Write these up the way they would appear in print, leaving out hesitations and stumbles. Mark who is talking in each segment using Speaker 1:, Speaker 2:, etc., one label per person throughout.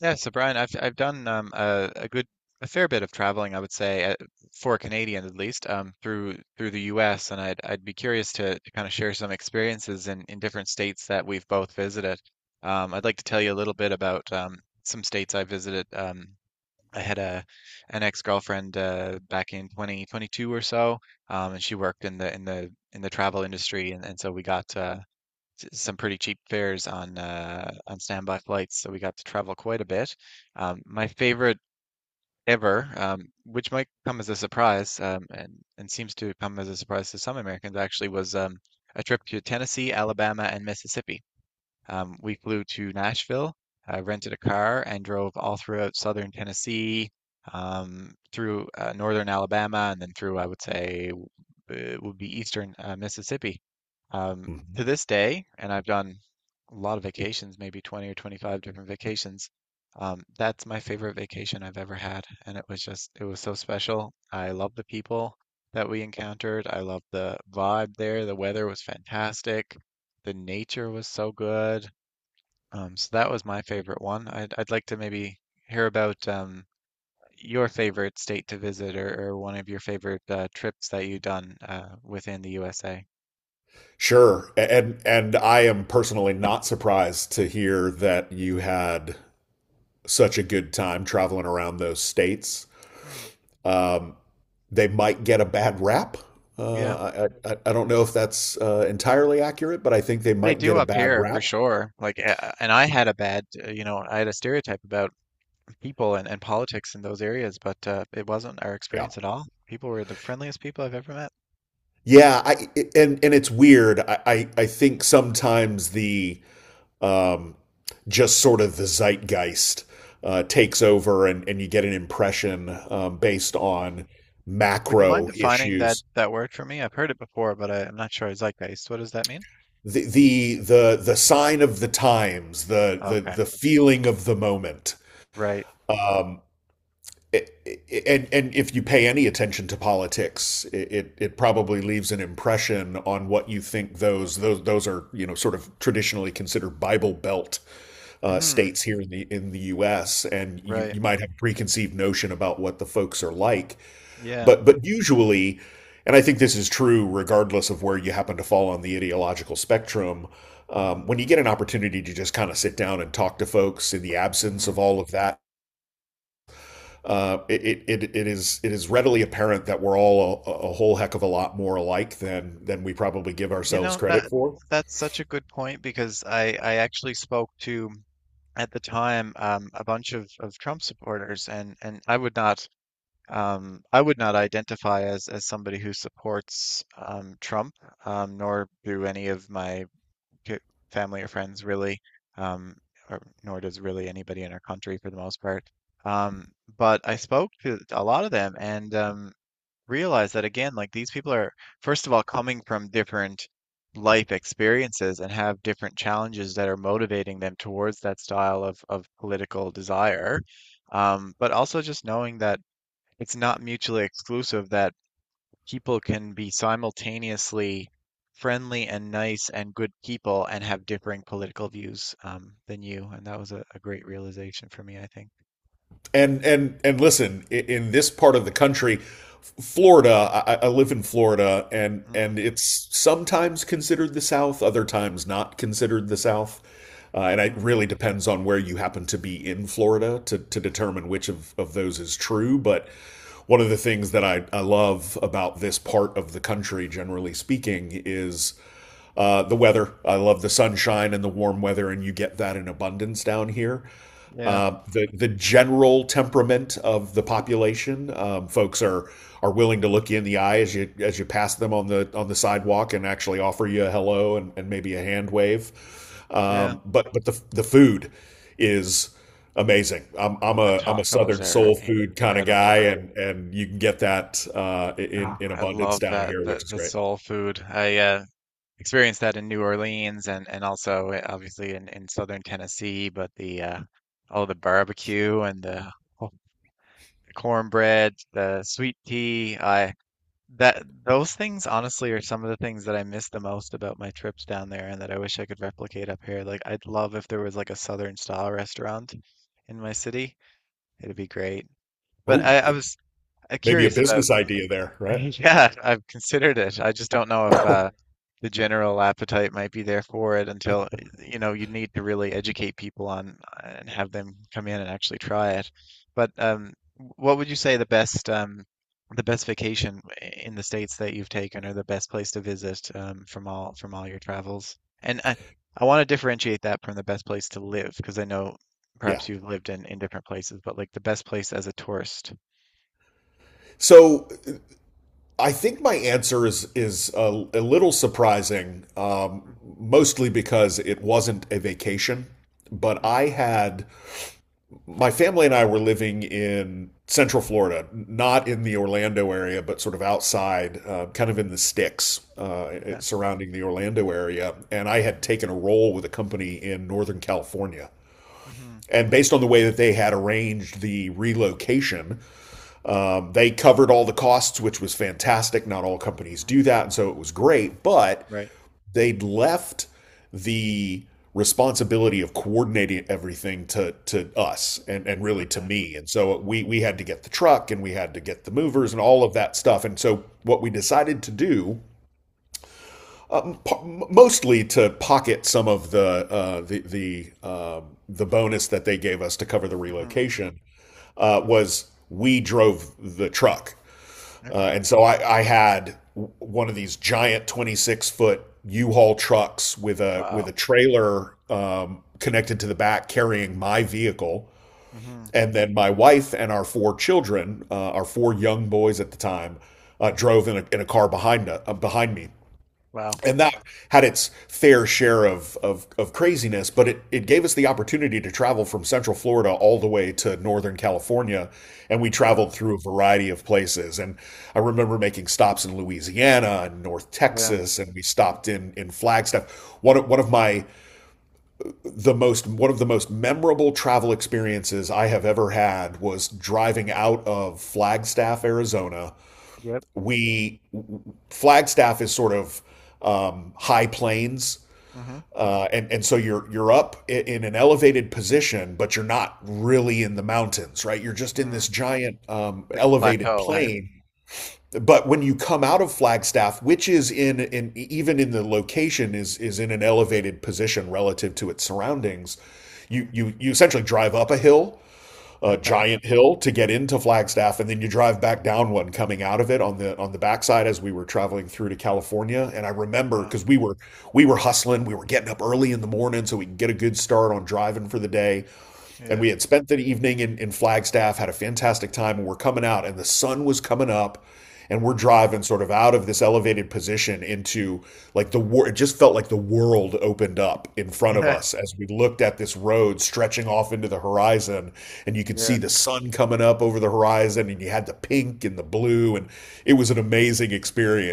Speaker 1: Yeah, so Brian, I've done a fair bit of traveling, I would say, for Canadians at least, through the U.S. And I'd be curious to kind of share some experiences in different states that we've both visited. I'd like to tell you a little bit about some states I visited. I had a an ex-girlfriend back in 2022 or so, and she worked in the travel industry, and so we got some pretty cheap fares on standby flights, so we got to travel quite a bit. My favorite ever, which might come as a surprise, and seems to come as a surprise to some Americans actually, was a trip to Tennessee, Alabama, and Mississippi. We flew to Nashville, rented a car, and drove all throughout southern Tennessee, through northern Alabama, and then through, I would say, it would be eastern Mississippi. Um, to
Speaker 2: Mhm.
Speaker 1: this day, and I've done a lot of vacations, maybe 20 or 25 different vacations. That's my favorite vacation I've ever had, and it was just, it was so special. I love the people that we encountered. I loved the vibe there. The weather was fantastic. The nature was so good. So that was my favorite one. I'd like to maybe hear about your favorite state to visit, or one of your favorite trips that you've done within the USA.
Speaker 2: Sure. And I am personally not surprised to hear that you had such a good time traveling around those states.
Speaker 1: Hmm.
Speaker 2: Um, they might get a bad rap.
Speaker 1: Yeah,
Speaker 2: I don't know if that's entirely accurate, but I think they
Speaker 1: they
Speaker 2: might
Speaker 1: do
Speaker 2: get a
Speaker 1: up
Speaker 2: bad
Speaker 1: here for
Speaker 2: rap.
Speaker 1: sure. Like, and I had a bad, I had a stereotype about people and politics in those areas, but it wasn't our
Speaker 2: Yeah.
Speaker 1: experience at all. People were the friendliest people I've ever met.
Speaker 2: Yeah, I and it's weird. I think sometimes the um, just sort of the zeitgeist takes over, and you get an impression based
Speaker 1: Mm-mm.
Speaker 2: on
Speaker 1: Would you mind
Speaker 2: macro
Speaker 1: defining that
Speaker 2: issues.
Speaker 1: that word for me? I've heard it before, but I'm not sure I zeitgeist. What does that mean?
Speaker 2: The sign of the times, the the
Speaker 1: Okay,
Speaker 2: the feeling of the moment,
Speaker 1: right.
Speaker 2: and if you pay any attention to politics, it probably leaves an impression on what you think those are, you know, sort of traditionally considered Bible Belt
Speaker 1: Hmm.
Speaker 2: states here in the U.S. And you
Speaker 1: Right.
Speaker 2: you might have a preconceived notion about what the folks are like,
Speaker 1: Yeah.
Speaker 2: but usually, and I think this is true regardless of where you happen to fall on the ideological spectrum.
Speaker 1: Hmm.
Speaker 2: When you get an opportunity to just kind of sit down and talk to folks in the absence of
Speaker 1: Hmm.
Speaker 2: all of that it is readily apparent that we're all a whole heck of a lot more alike than we probably give
Speaker 1: You
Speaker 2: ourselves
Speaker 1: know that
Speaker 2: credit for.
Speaker 1: that's such a good point because I actually spoke to at the time a bunch of Trump supporters, and I would not identify as somebody who supports Trump, nor do any of my ki- family or friends really, um or nor does really anybody in our country for the most part. Um, but I spoke to a lot of them, and realize that again, like these people are, first of all, coming from different life experiences and have different challenges that are motivating them towards that style of political desire. But also just knowing that it's not mutually exclusive, that people can be simultaneously friendly and nice and good people and have differing political views than you. And that was a great realization for me, I think.
Speaker 2: And listen, in this part of the country, Florida, I live in Florida,
Speaker 1: Mm,
Speaker 2: and it's sometimes considered the South, other times not considered the South. And it
Speaker 1: mm,
Speaker 2: really depends on where you happen to be in Florida to determine which of those is true. But one of the things that I love about this part of the country, generally speaking, is the weather. I love the sunshine and the warm weather, and you get that in abundance down here.
Speaker 1: yeah,
Speaker 2: The general temperament of the population, folks are willing to look you in the eye as you pass them on the sidewalk and actually offer you a hello and maybe a hand wave.
Speaker 1: yeah.
Speaker 2: But the food is amazing. I'm
Speaker 1: Oh,
Speaker 2: I'm
Speaker 1: the
Speaker 2: a I'm a
Speaker 1: tacos
Speaker 2: Southern
Speaker 1: are
Speaker 2: soul food kind of guy,
Speaker 1: incredible.
Speaker 2: and you can get that
Speaker 1: Ah,
Speaker 2: in
Speaker 1: I
Speaker 2: abundance
Speaker 1: love
Speaker 2: down
Speaker 1: that
Speaker 2: here,
Speaker 1: the
Speaker 2: which is great.
Speaker 1: soul food. I experienced that in New Orleans and also obviously in southern Tennessee. But the oh, the barbecue and oh, the cornbread, the sweet tea. I that those things honestly are some of the things that I miss the most about my trips down there, and that I wish I could replicate up here. Like, I'd love if there was like a southern style restaurant in my city. It'd be great. But
Speaker 2: Oh,
Speaker 1: I was
Speaker 2: maybe a
Speaker 1: curious about.
Speaker 2: business idea there, right?
Speaker 1: Yeah, I've considered it. I just don't know if the general appetite might be there for it until, you know, you need to really educate people on and have them come in and actually try it. But what would you say the best vacation in the states that you've taken, or the best place to visit from all your travels? And I want to differentiate that from the best place to live, because I know
Speaker 2: Yeah.
Speaker 1: perhaps you've lived in different places, but like the best place as a tourist.
Speaker 2: So I think my answer is a little surprising, mostly because it wasn't a vacation. But
Speaker 1: Mm-hmm.
Speaker 2: I had my family and I were living in Central Florida, not in the Orlando area, but sort of outside, kind of in the sticks
Speaker 1: Yeah.
Speaker 2: surrounding the Orlando area. And I had taken a role with a company in Northern California.
Speaker 1: Mm-hmm.
Speaker 2: And based on the way that they had arranged the relocation, they covered all the costs, which was fantastic. Not all companies
Speaker 1: Mm-hmm.
Speaker 2: do that, and so it was great. But
Speaker 1: Right.
Speaker 2: they'd left the responsibility of coordinating everything to us and really to
Speaker 1: Okay.
Speaker 2: me. And so we had to get the truck and we had to get the
Speaker 1: Mm-hmm.
Speaker 2: movers and all of that stuff. And so what we decided to do, mostly to pocket some of the the bonus that they gave us to cover the
Speaker 1: Mm-hmm.
Speaker 2: relocation, was we drove the truck uh,
Speaker 1: Okay.
Speaker 2: and so I, I had one of these giant 26-foot foot U-Haul trucks with
Speaker 1: Wow.
Speaker 2: a trailer connected to the back carrying my vehicle,
Speaker 1: Mhm,
Speaker 2: and then my wife and our four children, our four young boys at the time,
Speaker 1: mhm.
Speaker 2: drove in in a car behind behind me
Speaker 1: Wow.
Speaker 2: and that had its fair share of craziness, but it gave us the opportunity to travel from Central Florida all the way to Northern California. And we
Speaker 1: Yeah.
Speaker 2: traveled through a variety of places. And I remember making stops in Louisiana and North
Speaker 1: Yeah.
Speaker 2: Texas, and we stopped in Flagstaff. One of my the most one of the most memorable travel experiences I have ever had was driving out of Flagstaff, Arizona.
Speaker 1: Yep.
Speaker 2: We Flagstaff is sort of high plains,
Speaker 1: Mhm,
Speaker 2: and so you're up in an elevated position, but you're not really in the mountains, right? You're just in this
Speaker 1: mm.
Speaker 2: giant
Speaker 1: Like a
Speaker 2: elevated
Speaker 1: plateau, hey?
Speaker 2: plain. But when you come out of Flagstaff, which is in even in the location is in an elevated position relative to its surroundings, you
Speaker 1: Mm.
Speaker 2: you you essentially drive up a hill, a
Speaker 1: Okay.
Speaker 2: giant hill to get into Flagstaff, and then you drive back down one coming out of it on the backside as we were traveling through to California. And I remember
Speaker 1: Wow.
Speaker 2: because we were hustling, we were getting up early in the morning so we could get a good start on driving for the day. And
Speaker 1: Yeah,
Speaker 2: we had spent the evening in Flagstaff, had a fantastic time, and we're coming out, and the sun was coming up, and we're
Speaker 1: mm.
Speaker 2: driving sort of out of this elevated position into like the war. It just felt like the world opened up in front of
Speaker 1: Yeah.
Speaker 2: us as we looked at this road stretching off into the horizon, and you could
Speaker 1: Yeah.
Speaker 2: see the sun coming up over the horizon, and you had the pink and the blue, and it was an amazing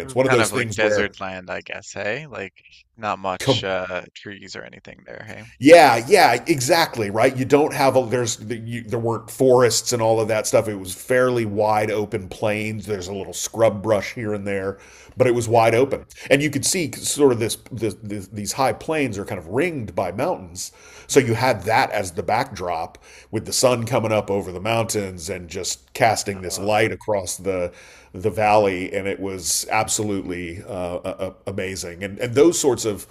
Speaker 1: This is
Speaker 2: One of
Speaker 1: kind
Speaker 2: those
Speaker 1: of like
Speaker 2: things where
Speaker 1: desert land, I guess, hey? Like, not much
Speaker 2: com-
Speaker 1: trees or anything there, hey?
Speaker 2: yeah, exactly, right? You don't
Speaker 1: Mm.
Speaker 2: have a there's you, There weren't forests and all of that stuff. It was fairly wide open plains. There's a little scrub brush here and there, but it was
Speaker 1: Yeah.
Speaker 2: wide open. And you could see sort of this, this, this these high plains are kind of ringed by mountains. So you
Speaker 1: Mm.
Speaker 2: had that as the backdrop with the sun coming up over the mountains and just casting this
Speaker 1: Uh,
Speaker 2: light across the valley, and it was absolutely amazing. And those sorts of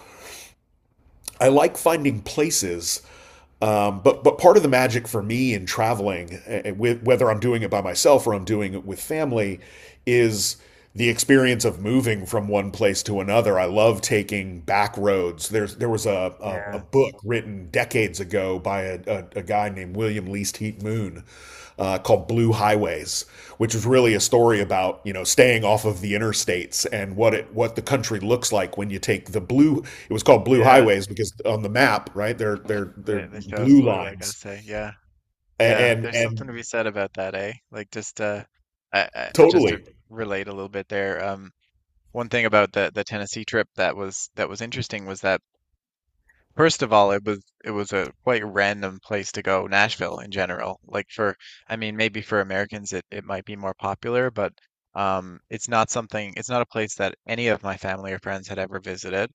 Speaker 2: I like finding places, but part of the magic for me in traveling, with, whether I'm doing it by myself or I'm doing it with family, is the experience of moving from one place to another. I love taking back roads. There was a
Speaker 1: yeah.
Speaker 2: book written decades ago by a guy named William Least Heat Moon, called Blue Highways, which was
Speaker 1: Okay.
Speaker 2: really a story about, you know, staying off of the interstates and what it what the country looks like when you take the blue. It was called Blue
Speaker 1: Yeah.
Speaker 2: Highways because on the map, right, they're
Speaker 1: The show's
Speaker 2: blue
Speaker 1: blue, I
Speaker 2: lines,
Speaker 1: guess, eh? Yeah. Yeah. There's
Speaker 2: and
Speaker 1: something to be said about that, eh? Like, just I just to
Speaker 2: totally
Speaker 1: relate a little bit there. One thing about the Tennessee trip that was interesting was that first of all, it was a quite random place to go, Nashville in general. Like, for I mean maybe for Americans, it might be more popular, but it's not something, it's not a place that any of my family or friends had ever visited.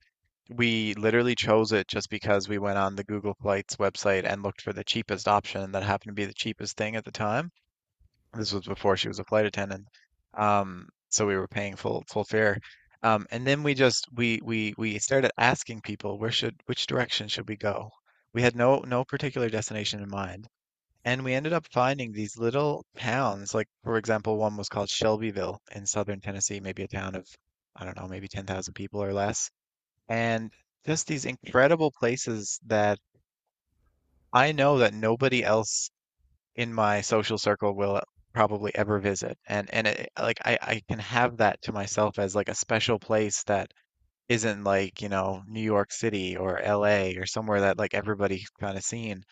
Speaker 1: We literally chose it just because we went on the Google Flights website and looked for the cheapest option that happened to be the cheapest thing at the time. This was before she was a flight attendant. So we were paying full fare. And then we just we started asking people, where should which direction should we go? We had no particular destination in mind. And we ended up finding these little towns, like, for example, one was called Shelbyville in southern Tennessee, maybe a town of, I don't know, maybe 10,000 people or less. And just these incredible places that I know that nobody else in my social circle will probably ever visit. And it, like I can have that to myself as like a special place that isn't like, you know, New York City or LA or somewhere that like everybody's kind of seen.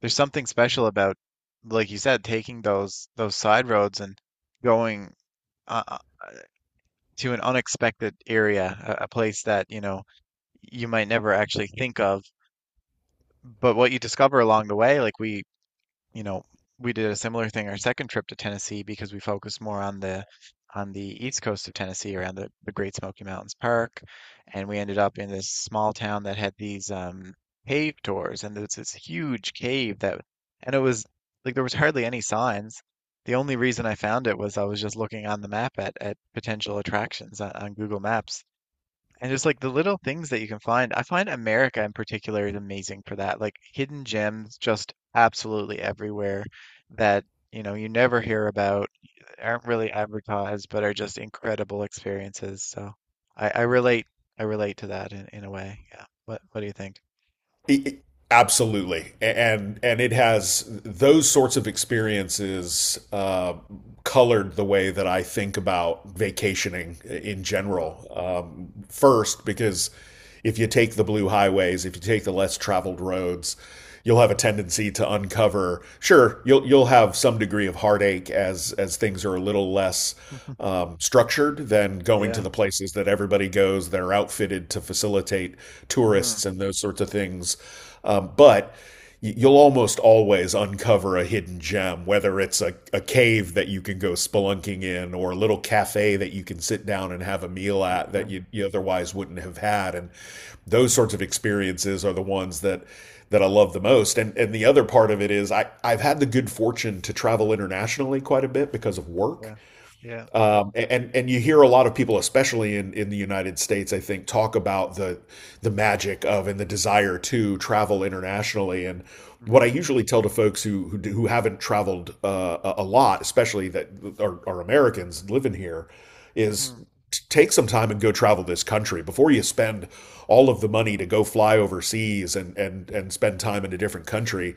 Speaker 1: There's something special about, like you said, taking those side roads and going uh, uh, to an unexpected area, a place that, you know, you might never actually think of. But what you discover along the way, like you know, we did a similar thing our second trip to Tennessee, because we focused more on the east coast of Tennessee around the Great Smoky Mountains Park, and we ended up in this small town that had these cave tours, and there's this huge cave that, and it was like there was hardly any signs. The only reason I found it was I was just looking on the map at, potential attractions on, Google Maps, and just like the little things that you can find. I find America in particular is amazing for that. Like, hidden gems just absolutely everywhere that, you know, you never hear about, aren't really advertised, but are just incredible experiences. So I, I relate I relate to that in, a way. Yeah. What do you think?
Speaker 2: it, absolutely, and it has those sorts of experiences colored the way that I think about vacationing in
Speaker 1: Mm-hmm.
Speaker 2: general. First, because if you take the blue highways, if you take the less traveled roads, you'll have a tendency to uncover. Sure, you'll have some degree of heartache as things are a little less structured than going to
Speaker 1: Yeah.
Speaker 2: the places that everybody goes. They're outfitted to facilitate
Speaker 1: Mm-hmm.
Speaker 2: tourists and those sorts of things. But you'll almost always uncover a hidden gem, whether it's a cave that you can go spelunking in or a little cafe that you can sit down and have a meal at that you otherwise wouldn't have had. And those
Speaker 1: Yeah.
Speaker 2: sorts of experiences are the ones that I love the most. And the other part of it is I I've had the good fortune to travel internationally quite a bit because of work.
Speaker 1: Yeah. Yeah.
Speaker 2: And you hear a lot of people, especially in the United States, I think, talk about the magic of and the desire to travel internationally. And what I
Speaker 1: Mm-hmm.
Speaker 2: usually tell to folks who haven't traveled a lot, especially that are Americans living here, is
Speaker 1: Mm-hmm.
Speaker 2: take some time and go travel this country before you spend all of the money to go fly overseas and spend time in a different country.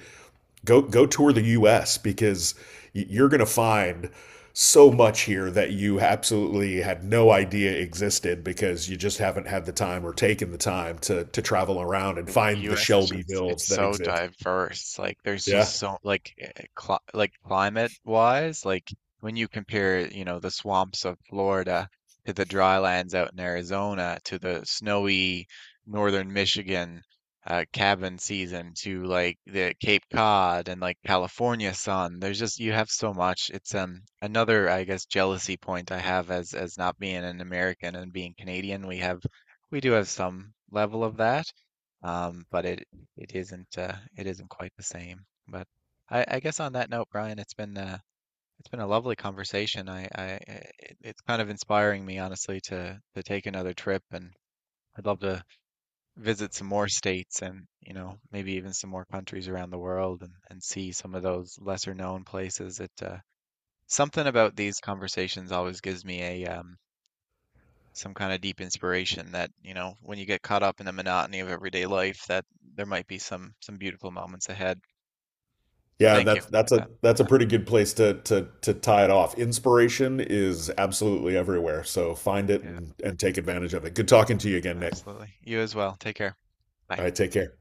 Speaker 2: Go go tour the U.S. because you're gonna find so much here that you absolutely had no idea existed because you just haven't had the time or taken the time to travel around and
Speaker 1: Like, the
Speaker 2: find the
Speaker 1: US is just,
Speaker 2: Shelbyvilles
Speaker 1: it's
Speaker 2: that
Speaker 1: so
Speaker 2: exist.
Speaker 1: diverse. Like, there's just
Speaker 2: Yeah.
Speaker 1: so like eh, eh, cli like climate wise, like when you compare, you know, the swamps of Florida to the dry lands out in Arizona to the snowy northern Michigan cabin season to like the Cape Cod and like California sun. There's just, you have so much. It's another, I guess, jealousy point I have as not being an American and being Canadian. We have we do have some level of that, but it isn't quite the same. But I guess on that note, Brian, it's been a lovely conversation. It's kind of inspiring me honestly to take another trip, and I'd love to visit some more states and, you know, maybe even some more countries around the world, and see some of those lesser known places. It something about these conversations always gives me a some kind of deep inspiration that, you know, when you get caught up in the monotony of everyday life, that there might be some beautiful moments ahead. So
Speaker 2: Yeah,
Speaker 1: thank you
Speaker 2: that's
Speaker 1: for that.
Speaker 2: that's a pretty good place to tie it off. Inspiration is absolutely everywhere, so find it
Speaker 1: Yeah,
Speaker 2: and take advantage of it. Good talking to you again, Nick.
Speaker 1: absolutely. You as well. Take care. Bye.
Speaker 2: All right, take care.